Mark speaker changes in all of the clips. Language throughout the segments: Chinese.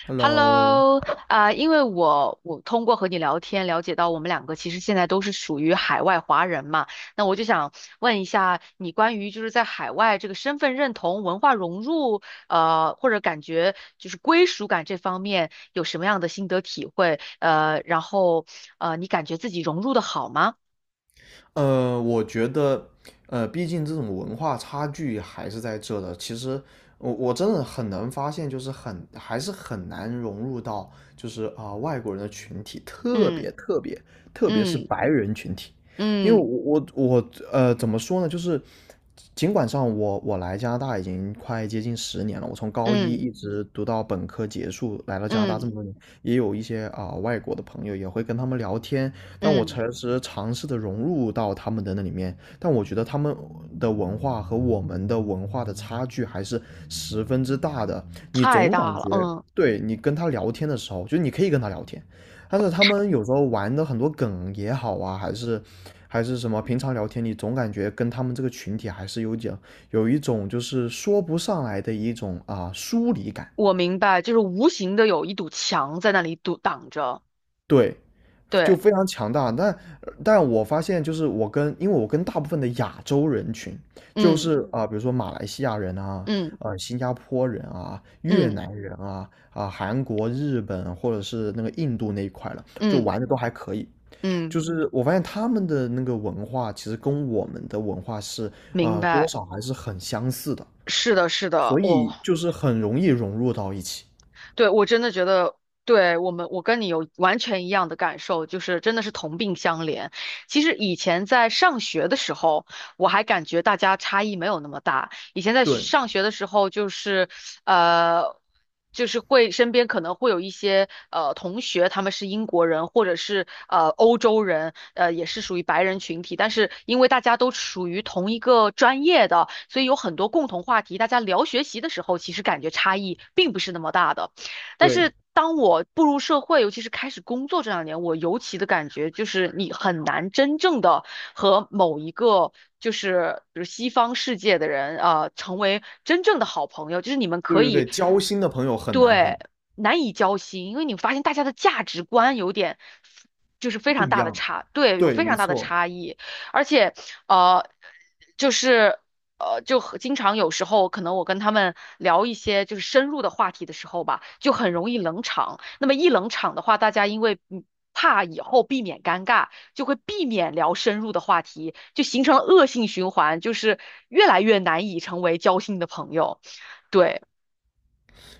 Speaker 1: Hello,
Speaker 2: Hello，因为我通过和你聊天了解到我们两个其实现在都是属于海外华人嘛，那我就想问一下你关于就是在海外这个身份认同、文化融入，或者感觉就是归属感这方面有什么样的心得体会？然后你感觉自己融入的好吗？
Speaker 1: 我觉得，毕竟这种文化差距还是在这的。其实我真的很难发现，就是很还是很难融入到外国人的群体，
Speaker 2: 嗯
Speaker 1: 特别是
Speaker 2: 嗯
Speaker 1: 白人群体，因为
Speaker 2: 嗯
Speaker 1: 我怎么说呢，就是尽管我来加拿大已经快接近十年了，我从高一
Speaker 2: 嗯
Speaker 1: 一直读到本科结束，来到加拿大这
Speaker 2: 嗯
Speaker 1: 么多年，也有一些外国的朋友，也会跟他们聊天，但我
Speaker 2: 嗯，
Speaker 1: 诚实尝试的融入到他们的那里面，但我觉得他们的文化和我们的文化的差距还是十分之大的。你
Speaker 2: 太
Speaker 1: 总感
Speaker 2: 大了，
Speaker 1: 觉，
Speaker 2: 嗯，
Speaker 1: 对，你跟他聊天的时候，就你可以跟他聊天，但是他们有时候玩的很多梗也好啊，还是什么，平常聊天你总感觉跟他们这个群体还是有点有一种就是说不上来的一种啊疏离感。
Speaker 2: 我明白，就是无形的有一堵墙在那里堵挡着。
Speaker 1: 对，就
Speaker 2: 对，
Speaker 1: 非常强大。但我发现，就是因为我跟大部分的亚洲人群，
Speaker 2: 嗯
Speaker 1: 比如说马来西亚人啊，
Speaker 2: 嗯
Speaker 1: 呃，新加坡人啊，越
Speaker 2: 嗯
Speaker 1: 南人啊，韩国、日本或者是那个印度那一块了，就
Speaker 2: 嗯
Speaker 1: 玩的都还可以。
Speaker 2: 嗯，
Speaker 1: 就是我发现他们的那个文化，其实跟我们的文化是
Speaker 2: 明
Speaker 1: 呃多
Speaker 2: 白。
Speaker 1: 少还是很相似的，
Speaker 2: 是的，是的，
Speaker 1: 所以就是很容易融入到一起。
Speaker 2: 对，我真的觉得，对我们，我跟你有完全一样的感受，就是真的是同病相怜。其实以前在上学的时候，我还感觉大家差异没有那么大。以前在
Speaker 1: 对
Speaker 2: 上学的时候，就是呃，就是会身边可能会有一些同学，他们是英国人或者是欧洲人，也是属于白人群体，但是因为大家都属于同一个专业的，所以有很多共同话题，大家聊学习的时候，其实感觉差异并不是那么大的。但是
Speaker 1: 对
Speaker 2: 当我步入社会，尤其是开始工作这2年，我尤其的感觉就是你很难真正的和某一个就是比如西方世界的人啊、成为真正的好朋友，就是你们
Speaker 1: 对
Speaker 2: 可
Speaker 1: 对
Speaker 2: 以，
Speaker 1: 对，交心的朋友很难
Speaker 2: 对，难以交心，因为你发现大家的价值观有点。就是非
Speaker 1: 不
Speaker 2: 常
Speaker 1: 一
Speaker 2: 大的
Speaker 1: 样。
Speaker 2: 差，对，有
Speaker 1: 对，
Speaker 2: 非
Speaker 1: 没
Speaker 2: 常大的
Speaker 1: 错。
Speaker 2: 差异，而且，呃，就是就很经常有时候可能我跟他们聊一些就是深入的话题的时候吧，就很容易冷场。那么一冷场的话，大家因为怕以后避免尴尬，就会避免聊深入的话题，就形成了恶性循环，就是越来越难以成为交心的朋友。对，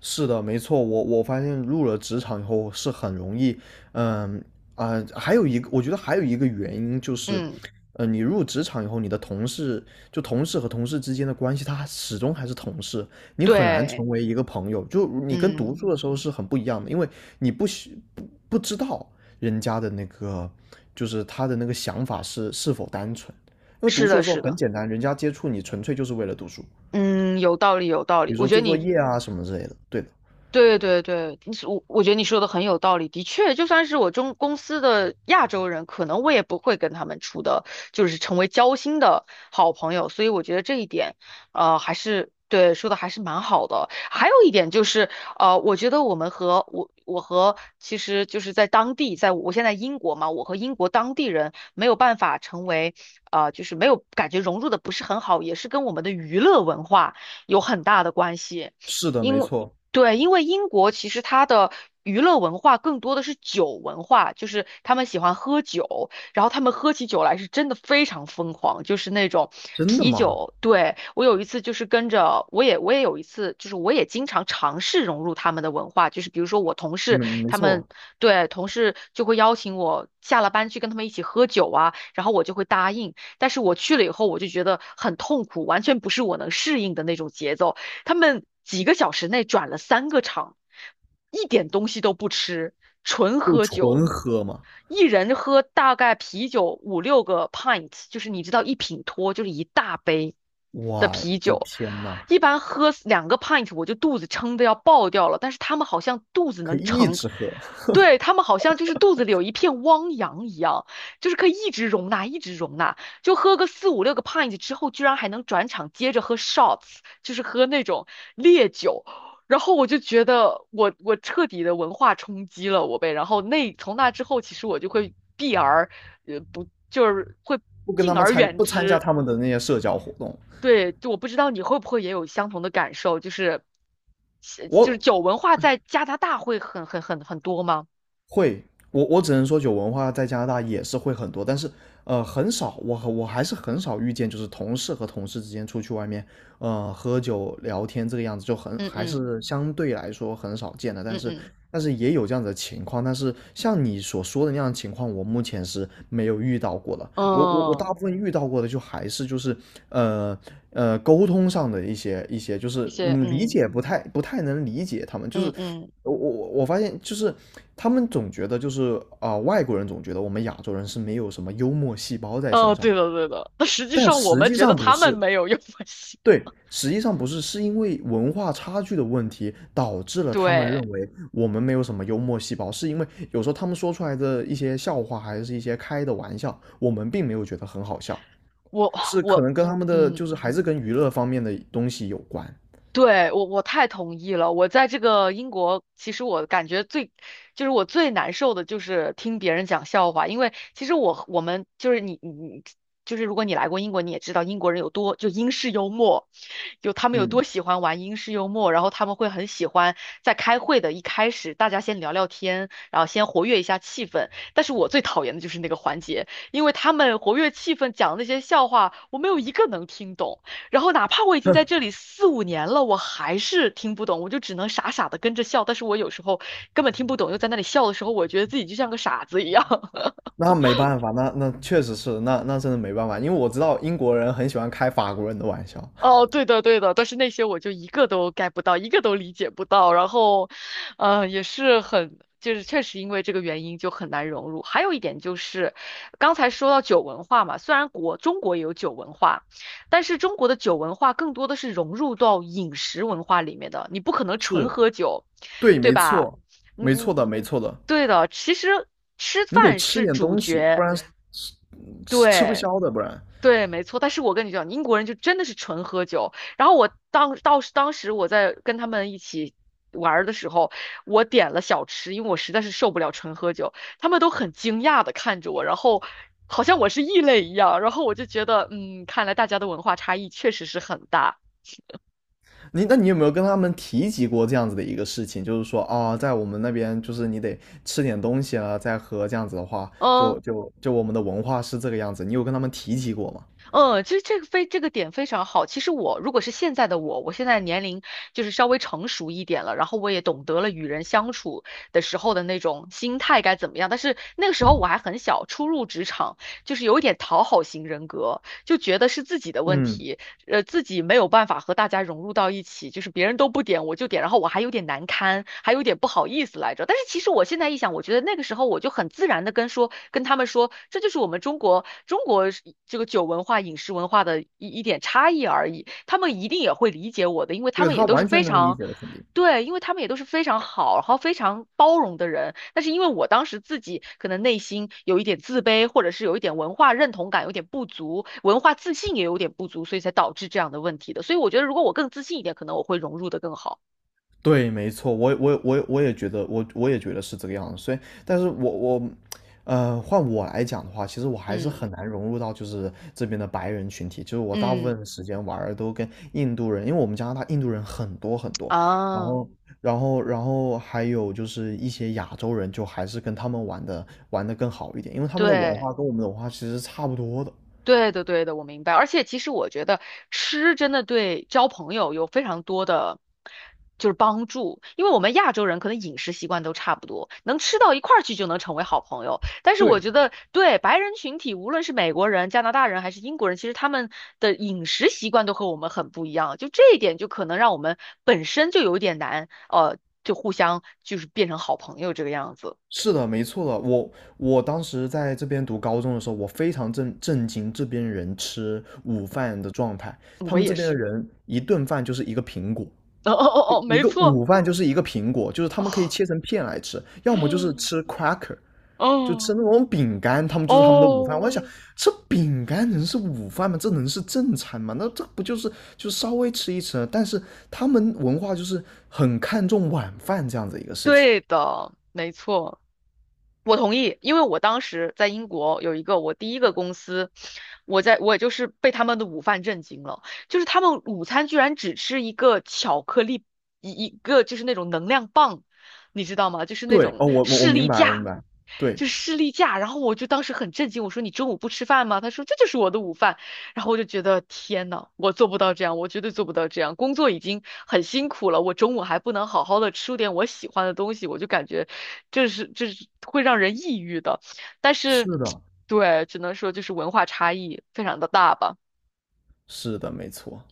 Speaker 1: 是的，没错，我发现入了职场以后是很容易，嗯还有一个，我觉得还有一个原因就是，
Speaker 2: 嗯，
Speaker 1: 呃，你入职场以后，你的同事同事和同事之间的关系，他始终还是同事，你很难
Speaker 2: 对，
Speaker 1: 成为一个朋友。就你跟读
Speaker 2: 嗯，
Speaker 1: 书的时候是很不一样的，因为你不需不不知道人家的那个，就是他的那个想法是是否单纯。因为读
Speaker 2: 是
Speaker 1: 书
Speaker 2: 的，
Speaker 1: 的时候
Speaker 2: 是
Speaker 1: 很
Speaker 2: 的，
Speaker 1: 简单，人家接触你纯粹就是为了读书，
Speaker 2: 嗯，有道理，有道
Speaker 1: 比
Speaker 2: 理。
Speaker 1: 如
Speaker 2: 我
Speaker 1: 说
Speaker 2: 觉得
Speaker 1: 做作
Speaker 2: 你，
Speaker 1: 业啊什么之类的。对的。
Speaker 2: 对对对，你，我觉得你说的很有道理，的确，就算是我中公司的亚洲人，可能我也不会跟他们处的，就是成为交心的好朋友，所以我觉得这一点，还是对说的还是蛮好的。还有一点就是，我觉得我们和我和其实就是在当地，在我现在英国嘛，我和英国当地人没有办法成为，就是没有感觉融入的不是很好，也是跟我们的娱乐文化有很大的关系。
Speaker 1: 是的，没
Speaker 2: 因为
Speaker 1: 错，
Speaker 2: 对，因为英国其实它的娱乐文化更多的是酒文化，就是他们喜欢喝酒，然后他们喝起酒来是真的非常疯狂，就是那种
Speaker 1: 真的
Speaker 2: 啤
Speaker 1: 吗？
Speaker 2: 酒。对，我有一次就是跟着，我也有一次，就是我也经常尝试融入他们的文化，就是比如说我同
Speaker 1: 嗯，
Speaker 2: 事
Speaker 1: 没
Speaker 2: 他们，
Speaker 1: 错，
Speaker 2: 对，同事就会邀请我下了班去跟他们一起喝酒啊，然后我就会答应，但是我去了以后，我就觉得很痛苦，完全不是我能适应的那种节奏。他们几个小时内转了三个场，一点东西都不吃，纯
Speaker 1: 就
Speaker 2: 喝酒，
Speaker 1: 纯喝嘛。
Speaker 2: 一人喝大概啤酒五六个 pint，就是你知道一品脱就是一大杯的
Speaker 1: 我
Speaker 2: 啤
Speaker 1: 的
Speaker 2: 酒，
Speaker 1: 天呐，
Speaker 2: 一般喝2 pint 我就肚子撑得要爆掉了，但是他们好像肚子
Speaker 1: 可
Speaker 2: 能
Speaker 1: 以一
Speaker 2: 撑。
Speaker 1: 直喝，
Speaker 2: 对，他们好像就是肚子里有一片汪洋一样，就是可以一直容纳，一直容纳。就喝个四五六个 pint 之后，居然还能转场接着喝 shots，就是喝那种烈酒。然后我就觉得我彻底的文化冲击了我呗。然后从那之后，其实我就会避而不就是会
Speaker 1: 不跟他
Speaker 2: 敬
Speaker 1: 们
Speaker 2: 而
Speaker 1: 参
Speaker 2: 远
Speaker 1: 不参加
Speaker 2: 之。
Speaker 1: 他们的那些社交活动。
Speaker 2: 对，就我不知道你会不会也有相同的感受，就是
Speaker 1: 我
Speaker 2: 酒文化在加拿大会很很很很多吗？
Speaker 1: 会，我只能说酒文化在加拿大也是会很多，但是呃很少，我还是很少遇见，就是同事和同事之间出去外面呃喝酒聊天这个样子，就很
Speaker 2: 嗯
Speaker 1: 还
Speaker 2: 嗯
Speaker 1: 是相对来说很少见的，但
Speaker 2: 嗯
Speaker 1: 是
Speaker 2: 嗯
Speaker 1: 但是也有这样子的情况，但是像你所说的那样的情况，我目前是没有遇到过的，我
Speaker 2: 嗯，
Speaker 1: 大部分遇到过的就还是呃沟通上的一些，就
Speaker 2: 一
Speaker 1: 是
Speaker 2: 些
Speaker 1: 嗯理
Speaker 2: 嗯
Speaker 1: 解不太能理解他们，就
Speaker 2: 嗯
Speaker 1: 是
Speaker 2: 嗯。
Speaker 1: 我发现就是他们总觉得外国人总觉得我们亚洲人是没有什么幽默细胞在身
Speaker 2: 哦，对
Speaker 1: 上，
Speaker 2: 的对的，那实际
Speaker 1: 但
Speaker 2: 上我
Speaker 1: 实
Speaker 2: 们
Speaker 1: 际
Speaker 2: 觉得
Speaker 1: 上不
Speaker 2: 他们
Speaker 1: 是，
Speaker 2: 没有用 过西
Speaker 1: 对，实际上不是，是因为文化差距的问题导致了他们认
Speaker 2: 对，
Speaker 1: 为我们没有什么幽默细胞，是因为有时候他们说出来的一些笑话还是一些开的玩笑，我们并没有觉得很好笑，
Speaker 2: 我
Speaker 1: 是可
Speaker 2: 我，
Speaker 1: 能跟他们的
Speaker 2: 嗯。
Speaker 1: 就是还是跟娱乐方面的东西有关。
Speaker 2: 对，我太同意了。我在这个英国，其实我感觉最，就是我最难受的就是听别人讲笑话，因为其实我们就是你就是如果你来过英国，你也知道英国人有多就英式幽默，有他们有多
Speaker 1: 嗯，
Speaker 2: 喜欢玩英式幽默，然后他们会很喜欢在开会的一开始大家先聊聊天，然后先活跃一下气氛。但是我最讨厌的就是那个环节，因为他们活跃气氛讲的那些笑话，我没有一个能听懂。然后哪怕我已经在这里四五年了，我还是听不懂，我就只能傻傻的跟着笑。但是我有时候根本听不懂，又在那里笑的时候，我觉得自己就像个傻子一样。
Speaker 1: 那没办法，那那确实是，那那真的没办法，因为我知道英国人很喜欢开法国人的玩笑。
Speaker 2: 哦，对的，对的，但是那些我就一个都 get 不到，一个都理解不到，然后，也是很，就是确实因为这个原因就很难融入。还有一点就是，刚才说到酒文化嘛，虽然中国也有酒文化，但是中国的酒文化更多的是融入到饮食文化里面的，你不可能纯
Speaker 1: 是，
Speaker 2: 喝酒，
Speaker 1: 对，
Speaker 2: 对
Speaker 1: 没
Speaker 2: 吧？
Speaker 1: 错，
Speaker 2: 你
Speaker 1: 没
Speaker 2: 你
Speaker 1: 错的，没错的，
Speaker 2: 对的，其实吃
Speaker 1: 你得
Speaker 2: 饭
Speaker 1: 吃
Speaker 2: 是
Speaker 1: 点
Speaker 2: 主
Speaker 1: 东西，不
Speaker 2: 角，
Speaker 1: 然吃不
Speaker 2: 对。
Speaker 1: 消的，不然。
Speaker 2: 对，没错。但是我跟你讲，英国人就真的是纯喝酒。然后我当时我在跟他们一起玩儿的时候，我点了小吃，因为我实在是受不了纯喝酒。他们都很惊讶的看着我，然后好像我是异类一样。然后我就觉得，嗯，看来大家的文化差异确实是很大。
Speaker 1: 你那你有没有跟他们提及过这样子的一个事情？就是说啊、在我们那边就是你得吃点东西啊，再喝这样子的话，
Speaker 2: 嗯。
Speaker 1: 就我们的文化是这个样子。你有跟他们提及过吗？
Speaker 2: 嗯，其实这个非这个点非常好。其实我如果是现在的我，我现在年龄就是稍微成熟一点了，然后我也懂得了与人相处的时候的那种心态该怎么样。但是那个时候我还很小，初入职场，就是有一点讨好型人格，就觉得是自己的问
Speaker 1: 嗯，
Speaker 2: 题。自己没有办法和大家融入到一起，就是别人都不点，我就点，然后我还有点难堪，还有点不好意思来着。但是其实我现在一想，我觉得那个时候我就很自然的跟说，跟他们说，这就是我们中国是这个酒文化、饮食文化的一点差异而已。他们一定也会理解我的，因为他
Speaker 1: 对，
Speaker 2: 们也
Speaker 1: 他
Speaker 2: 都是
Speaker 1: 完全
Speaker 2: 非
Speaker 1: 能理
Speaker 2: 常，
Speaker 1: 解的，肯定。
Speaker 2: 对，因为他们也都是非常好，然后非常包容的人。但是因为我当时自己可能内心有一点自卑，或者是有一点文化认同感有点不足，文化自信也有点不足，所以才导致这样的问题的。所以我觉得，如果我更自信一点，可能我会融入的更好。
Speaker 1: 对，没错，我我也觉得，我也觉得是这个样子。所以，但是我，呃，换我来讲的话，其实我还是
Speaker 2: 嗯
Speaker 1: 很难融入到就是这边的白人群体。就是我大部
Speaker 2: 嗯
Speaker 1: 分时间玩儿都跟印度人，因为我们加拿大印度人很多，然
Speaker 2: 啊，
Speaker 1: 后然后还有就是一些亚洲人，就还是跟他们玩的更好一点，因为他们的文
Speaker 2: 对。
Speaker 1: 化跟我们的文化其实是差不多的。
Speaker 2: 对的，对的，我明白。而且其实我觉得吃真的对交朋友有非常多的就是帮助，因为我们亚洲人可能饮食习惯都差不多，能吃到一块儿去就能成为好朋友。但是我
Speaker 1: 对。
Speaker 2: 觉得对白人群体，无论是美国人、加拿大人还是英国人，其实他们的饮食习惯都和我们很不一样，就这一点就可能让我们本身就有一点难，就互相就是变成好朋友这个样子。
Speaker 1: 是的，没错的。我当时在这边读高中的时候，我非常震惊这边人吃午饭的状态。他
Speaker 2: 我
Speaker 1: 们这
Speaker 2: 也
Speaker 1: 边的
Speaker 2: 是，
Speaker 1: 人一顿饭就是一个苹果，
Speaker 2: 哦哦哦哦，
Speaker 1: 一
Speaker 2: 没
Speaker 1: 个
Speaker 2: 错，
Speaker 1: 午饭就是一个苹果，就是他
Speaker 2: 哦，
Speaker 1: 们可以切成片来吃，要么就是
Speaker 2: 嗯
Speaker 1: 吃 cracker,就吃
Speaker 2: 哦。
Speaker 1: 那种饼干，他们就是他们的午饭。我在想，
Speaker 2: 哦，
Speaker 1: 这饼干能是午饭吗？这能是正餐吗？那这不就是就稍微吃一吃？但是他们文化就是很看重晚饭这样子一个事情。
Speaker 2: 对的，没错。我同意，因为我当时在英国有一个我第一个公司，我在我也就是被他们的午饭震惊了，就是他们午餐居然只吃一个巧克力，一个就是那种能量棒，你知道吗？就是那
Speaker 1: 对，
Speaker 2: 种
Speaker 1: 哦，我我
Speaker 2: 士
Speaker 1: 明
Speaker 2: 力
Speaker 1: 白，我明
Speaker 2: 架，
Speaker 1: 白，对，
Speaker 2: 就是士力架。然后我就当时很震惊，我说你中午不吃饭吗？他说这就是我的午饭。然后我就觉得天呐，我做不到这样，我绝对做不到这样。工作已经很辛苦了，我中午还不能好好的吃点我喜欢的东西，我就感觉这是会让人抑郁的。但是，
Speaker 1: 是的，
Speaker 2: 对，只能说就是文化差异非常的大吧。
Speaker 1: 是的，没错，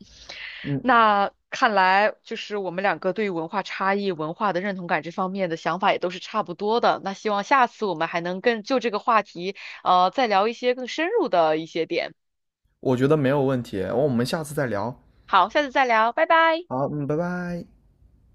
Speaker 1: 嗯，
Speaker 2: 那看来就是我们两个对于文化差异、文化的认同感这方面的想法也都是差不多的。那希望下次我们还能更就这个话题，再聊一些更深入的一些点。
Speaker 1: 我觉得没有问题，我们下次再聊，
Speaker 2: 好，下次再聊，拜拜。
Speaker 1: 好，嗯，拜拜。